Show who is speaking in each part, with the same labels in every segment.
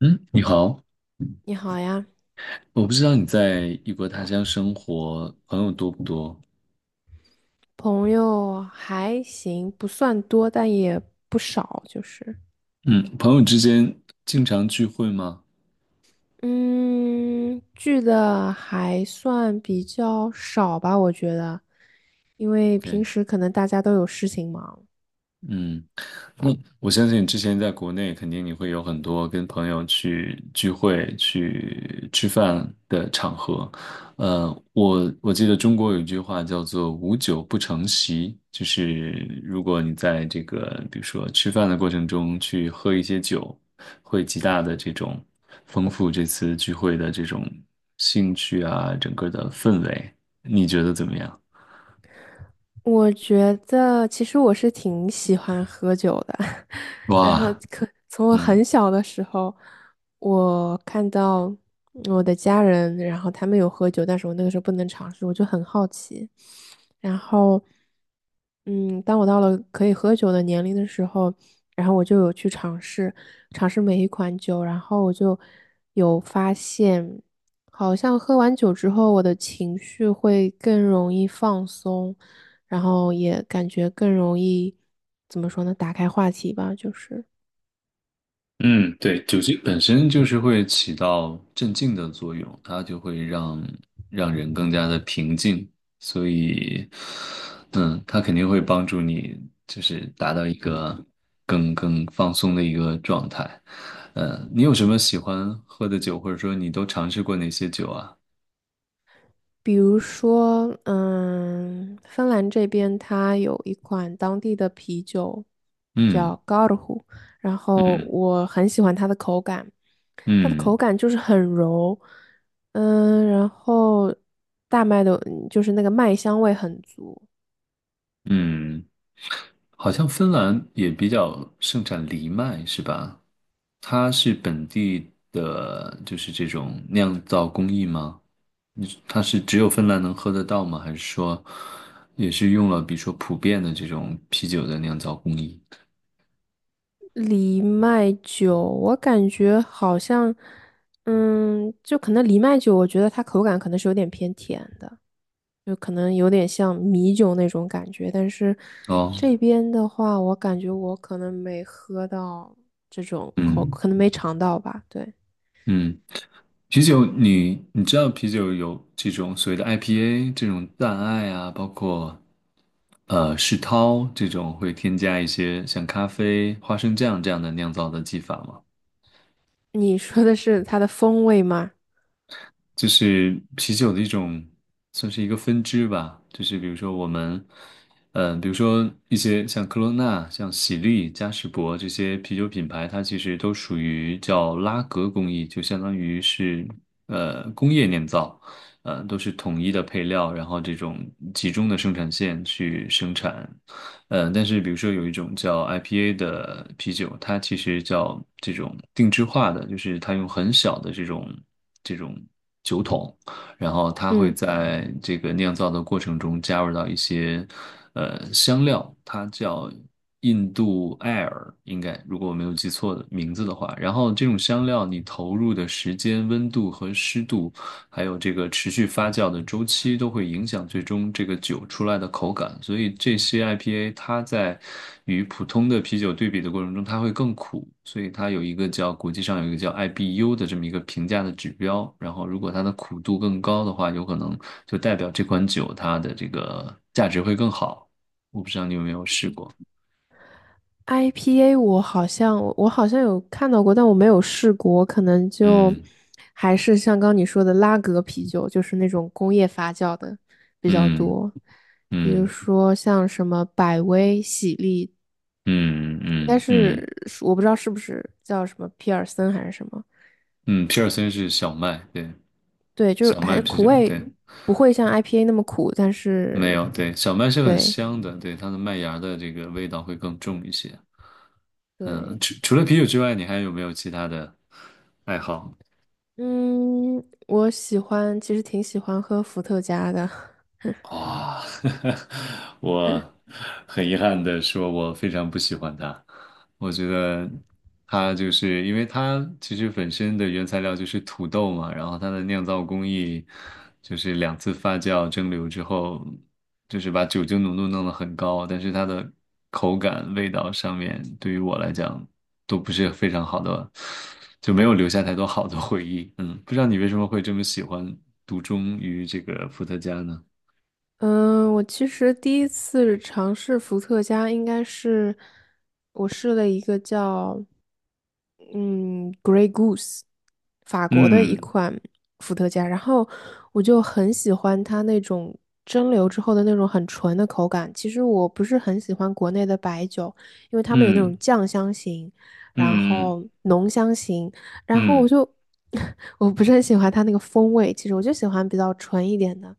Speaker 1: 嗯，你好，
Speaker 2: 你好呀。
Speaker 1: 我不知道你在异国他乡生活，朋友多不多？
Speaker 2: 朋友还行，不算多，但也不少，就是，
Speaker 1: 嗯，朋友之间经常聚会吗？
Speaker 2: 嗯，聚的还算比较少吧，我觉得，因为
Speaker 1: 对，
Speaker 2: 平时可能大家都有事情忙。
Speaker 1: 嗯。嗯，我相信之前在国内，肯定你会有很多跟朋友去聚会、去吃饭的场合。呃，我记得中国有一句话叫做"无酒不成席"，就是如果你在这个比如说吃饭的过程中去喝一些酒，会极大的这种丰富这次聚会的这种兴趣啊，整个的氛围，你觉得怎么样？
Speaker 2: 我觉得其实我是挺喜欢喝酒的。然后
Speaker 1: 哇，
Speaker 2: 可从我
Speaker 1: 嗯。
Speaker 2: 很小的时候，我看到我的家人，然后他们有喝酒，但是我那个时候不能尝试，我就很好奇。然后，嗯，当我到了可以喝酒的年龄的时候，然后我就有去尝试每一款酒，然后我就有发现，好像喝完酒之后，我的情绪会更容易放松，然后也感觉更容易，怎么说呢，打开话题吧，就是。
Speaker 1: 嗯，对，酒精本身就是会起到镇静的作用，它就会让人更加的平静，所以，嗯，它肯定会帮助你，就是达到一个更放松的一个状态。你有什么喜欢喝的酒，或者说你都尝试过哪些酒啊？
Speaker 2: 比如说，芬兰这边它有一款当地的啤酒
Speaker 1: 嗯
Speaker 2: 叫 Karhu,然后
Speaker 1: 嗯
Speaker 2: 我很喜欢它的口感，它的口
Speaker 1: 嗯
Speaker 2: 感就是很柔，然后大麦的，就是那个麦香味很足。
Speaker 1: 嗯。好像芬兰也比较盛产藜麦，是吧？它是本地的，就是这种酿造工艺吗？你它是只有芬兰能喝得到吗？还是说也是用了比如说普遍的这种啤酒的酿造工艺？
Speaker 2: 藜麦酒，我感觉好像，就可能藜麦酒，我觉得它口感可能是有点偏甜的。就可能有点像米酒那种感觉，但是
Speaker 1: 哦，
Speaker 2: 这边的话，我感觉我可能没喝到这种口，
Speaker 1: 嗯
Speaker 2: 可能没尝到吧。对，
Speaker 1: 嗯。啤酒你知道啤酒有这种所谓的 IPA 这种淡艾啊，包括世涛这种会添加一些像咖啡、花生酱这样的酿造的技法吗？
Speaker 2: 你说的是它的风味吗？
Speaker 1: 就是啤酒的一种，算是一个分支吧。就是比如说我们，比如说一些像科罗娜、像喜力、嘉士伯这些啤酒品牌，它其实都属于叫拉格工艺，就相当于是工业酿造，都是统一的配料，然后这种集中的生产线去生产，但是比如说有一种叫 IPA 的啤酒，它其实叫这种定制化的，就是它用很小的这种酒桶，然后它会
Speaker 2: 嗯
Speaker 1: 在这个酿造的过程中加入到一些香料，它叫印度艾尔，应该如果我没有记错的名字的话，然后这种香料你投入的时间、温度和湿度还有这个持续发酵的周期都会影响最终这个酒出来的口感，所以这些 IPA 它在与普通的啤酒对比的过程中，它会更苦，所以它有一个叫国际上有一个叫 IBU 的这么一个评价的指标，然后如果它的苦度更高的话，有可能就代表这款酒它的这个价值会更好。我不知道你有没有试过，
Speaker 2: ，IPA 我好像有看到过，但我没有试过，我可能就
Speaker 1: 嗯
Speaker 2: 还是像刚你说的拉格啤酒，就是那种工业发酵的比较
Speaker 1: 嗯
Speaker 2: 多，比如
Speaker 1: 嗯
Speaker 2: 说像什么百威、喜力
Speaker 1: 嗯
Speaker 2: 应该
Speaker 1: 嗯嗯
Speaker 2: 是
Speaker 1: 嗯，
Speaker 2: 我不知道是不是叫什么皮尔森还是什么，
Speaker 1: 嗯皮尔森是小麦，对，
Speaker 2: 对，就是
Speaker 1: 小
Speaker 2: 还
Speaker 1: 麦
Speaker 2: 是
Speaker 1: 啤
Speaker 2: 苦
Speaker 1: 酒，
Speaker 2: 味
Speaker 1: 对。
Speaker 2: 不会像 IPA 那么苦，但
Speaker 1: 没
Speaker 2: 是
Speaker 1: 有，对，小麦是很
Speaker 2: 对
Speaker 1: 香的，对，它的麦芽的这个味道会更重一些。嗯，
Speaker 2: 对。
Speaker 1: 除了啤酒之外，你还有没有其他的爱好？
Speaker 2: 嗯，我喜欢，其实挺喜欢喝伏特加的，
Speaker 1: 哇，我很遗憾的说，我非常不喜欢它。我觉得它就是因为它其实本身的原材料就是土豆嘛，然后它的酿造工艺就是两次发酵蒸馏之后，就是把酒精浓度弄得很高，但是它的口感、味道上面对于我来讲都不是非常好的，就没有留下太多好的回忆。嗯，不知道你为什么会这么喜欢独钟于这个伏特加呢？
Speaker 2: 嗯，我其实第一次尝试伏特加，应该是我试了一个叫嗯 Grey Goose, 法国的一
Speaker 1: 嗯
Speaker 2: 款伏特加，然后我就很喜欢它那种蒸馏之后的那种很纯的口感。其实我不是很喜欢国内的白酒，因为他们有那
Speaker 1: 嗯
Speaker 2: 种酱香型，然
Speaker 1: 嗯
Speaker 2: 后浓香型，然后我
Speaker 1: 嗯
Speaker 2: 就 我不是很喜欢它那个风味。其实我就喜欢比较纯一点的。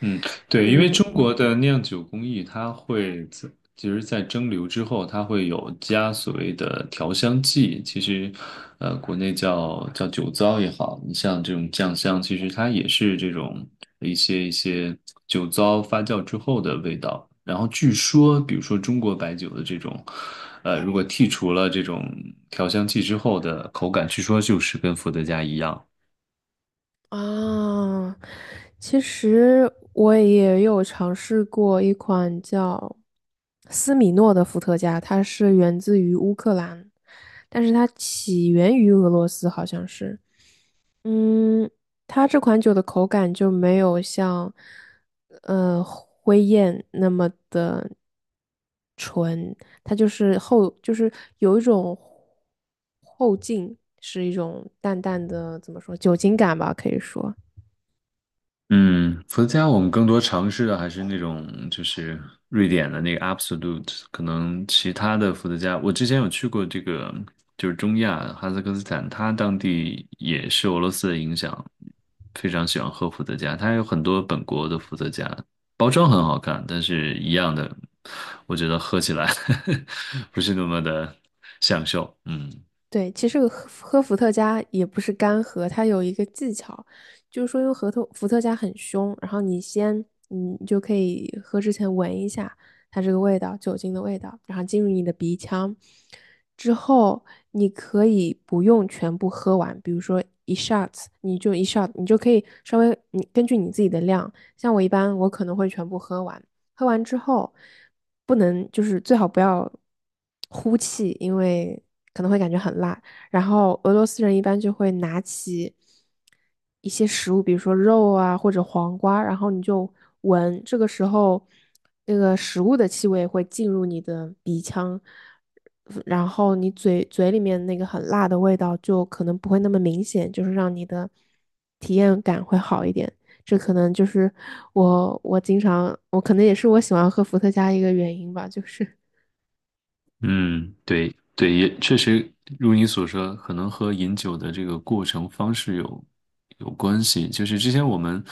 Speaker 1: 嗯，嗯对，因为
Speaker 2: 嗯。
Speaker 1: 中国的酿酒工艺，它会在其实，在蒸馏之后，它会有加所谓的调香剂。其实，国内叫酒糟也好，你像这种酱香，其实它也是这种一些酒糟发酵之后的味道。然后据说，比如说中国白酒的这种，如果剔除了这种调香剂之后的口感，据说就是跟伏特加一样。
Speaker 2: 啊，其实我也有尝试过一款叫斯米诺的伏特加，它是源自于乌克兰，但是它起源于俄罗斯，好像是。嗯，它这款酒的口感就没有像灰雁那么的，它就是后就是有一种后劲，是一种淡淡的怎么说酒精感吧，可以说。
Speaker 1: 嗯，伏特加我们更多尝试的还是那种就是瑞典的那个 Absolut，e 可能其他的伏特加，我之前有去过这个就是中亚哈萨克斯坦，它当地也是俄罗斯的影响，非常喜欢喝伏特加，它有很多本国的伏特加，包装很好看，但是一样的，我觉得喝起来 不是那么的享受，嗯。
Speaker 2: 对，其实喝伏特加也不是干喝，它有一个技巧，就是说因为核桃伏特加很凶，然后你就可以喝之前闻一下它这个味道，酒精的味道，然后进入你的鼻腔之后，你可以不用全部喝完，比如说一 shot,你就一 shot,你就可以稍微你根据你自己的量，像我一般我可能会全部喝完，喝完之后不能就是最好不要呼气，因为可能会感觉很辣。然后俄罗斯人一般就会拿起一些食物，比如说肉啊或者黄瓜，然后你就闻，这个时候那个食物的气味会进入你的鼻腔，然后你嘴里面那个很辣的味道就可能不会那么明显，就是让你的体验感会好一点。这可能就是我我经常我可能也是我喜欢喝伏特加一个原因吧，就是
Speaker 1: 嗯，对对，也确实如你所说，可能和饮酒的这个过程方式有关系。就是之前我们，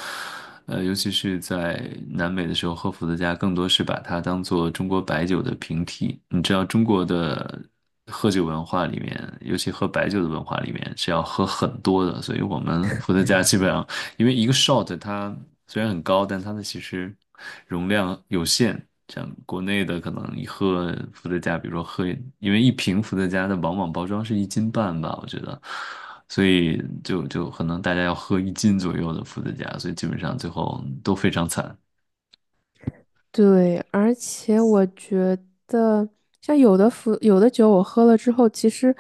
Speaker 1: 尤其是在南美的时候，喝伏特加更多是把它当做中国白酒的平替。你知道中国的喝酒文化里面，尤其喝白酒的文化里面是要喝很多的，所以我们伏特加基本上因为一个 shot 它虽然很高，但它的其实容量有限。像国内的可能一盒伏特加，比如说喝，因为一瓶伏特加的往往包装是一斤半吧，我觉得，所以就可能大家要喝一斤左右的伏特加，所以基本上最后都非常惨。
Speaker 2: 对，而且我觉得像有的酒我喝了之后，其实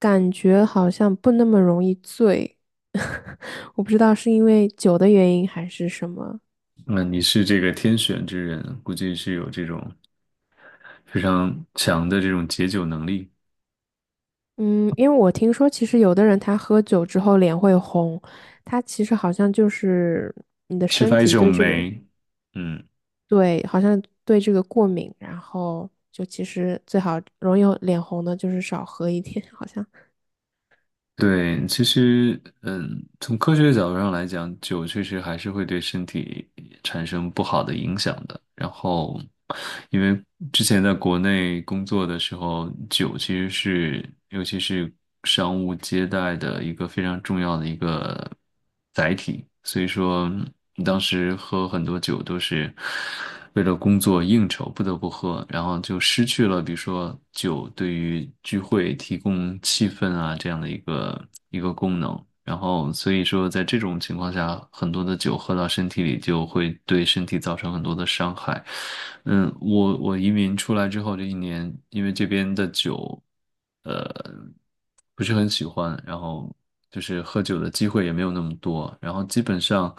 Speaker 2: 感觉好像不那么容易醉，我不知道是因为酒的原因还是什么。
Speaker 1: 那你是这个天选之人，估计是有这种非常强的这种解酒能力，
Speaker 2: 嗯，因为我听说，其实有的人他喝酒之后脸会红，他其实好像就是你的
Speaker 1: 缺
Speaker 2: 身
Speaker 1: 乏一
Speaker 2: 体
Speaker 1: 种
Speaker 2: 对这个。
Speaker 1: 酶，嗯。
Speaker 2: 对，好像对这个过敏，然后就其实最好容易脸红的就是少喝一点，好像
Speaker 1: 对，其实，嗯，从科学角度上来讲，酒确实还是会对身体产生不好的影响的。然后，因为之前在国内工作的时候，酒其实是，尤其是商务接待的一个非常重要的一个载体，所以说当时喝很多酒都是为了工作应酬不得不喝，然后就失去了比如说酒对于聚会提供气氛啊这样的一个功能，然后所以说在这种情况下，很多的酒喝到身体里就会对身体造成很多的伤害。嗯，我移民出来之后这一年，因为这边的酒。嗯，不是很喜欢，然后就是喝酒的机会也没有那么多，然后基本上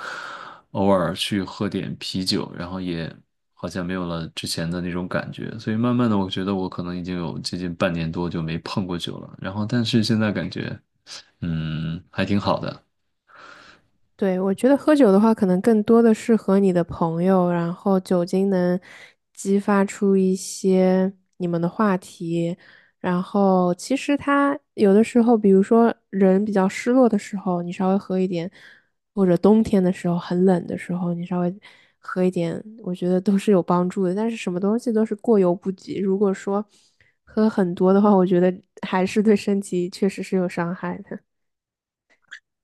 Speaker 1: 偶尔去喝点啤酒，然后也好像没有了之前的那种感觉，所以慢慢的我觉得我可能已经有接近半年多就没碰过酒了，然后但是现在感觉嗯还挺好的，
Speaker 2: 对，我觉得喝酒的话，可能更多的是和你的朋友，然后酒精能激发出一些你们的话题。然后其实它有的时候，比如说人比较失落的时候，你稍微喝一点，或者冬天的时候很冷的时候，你稍微喝一点，我觉得都是有帮助的。但是什么东西都是过犹不及，如果说喝很多的话，我觉得还是对身体确实是有伤害的。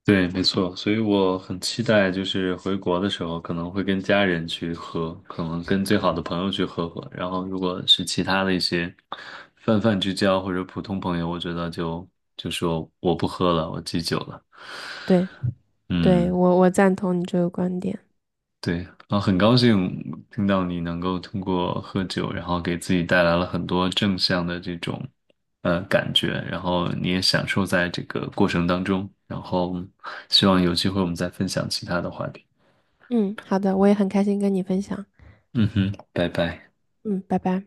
Speaker 1: 对，没错，所以我很期待，就是回国的时候可能会跟家人去喝，可能跟最好的朋友去喝喝，然后如果是其他的一些泛泛之交或者普通朋友，我觉得就说我不喝了，我戒酒了。
Speaker 2: 对。对，
Speaker 1: 嗯，
Speaker 2: 我赞同你这个观点。
Speaker 1: 对，然后很高兴听到你能够通过喝酒，然后给自己带来了很多正向的这种感觉，然后你也享受在这个过程当中，然后希望有机会我们再分享其他的话题。
Speaker 2: 嗯，好的，我也很开心跟你分享。
Speaker 1: 嗯哼，拜拜。
Speaker 2: 嗯，拜拜。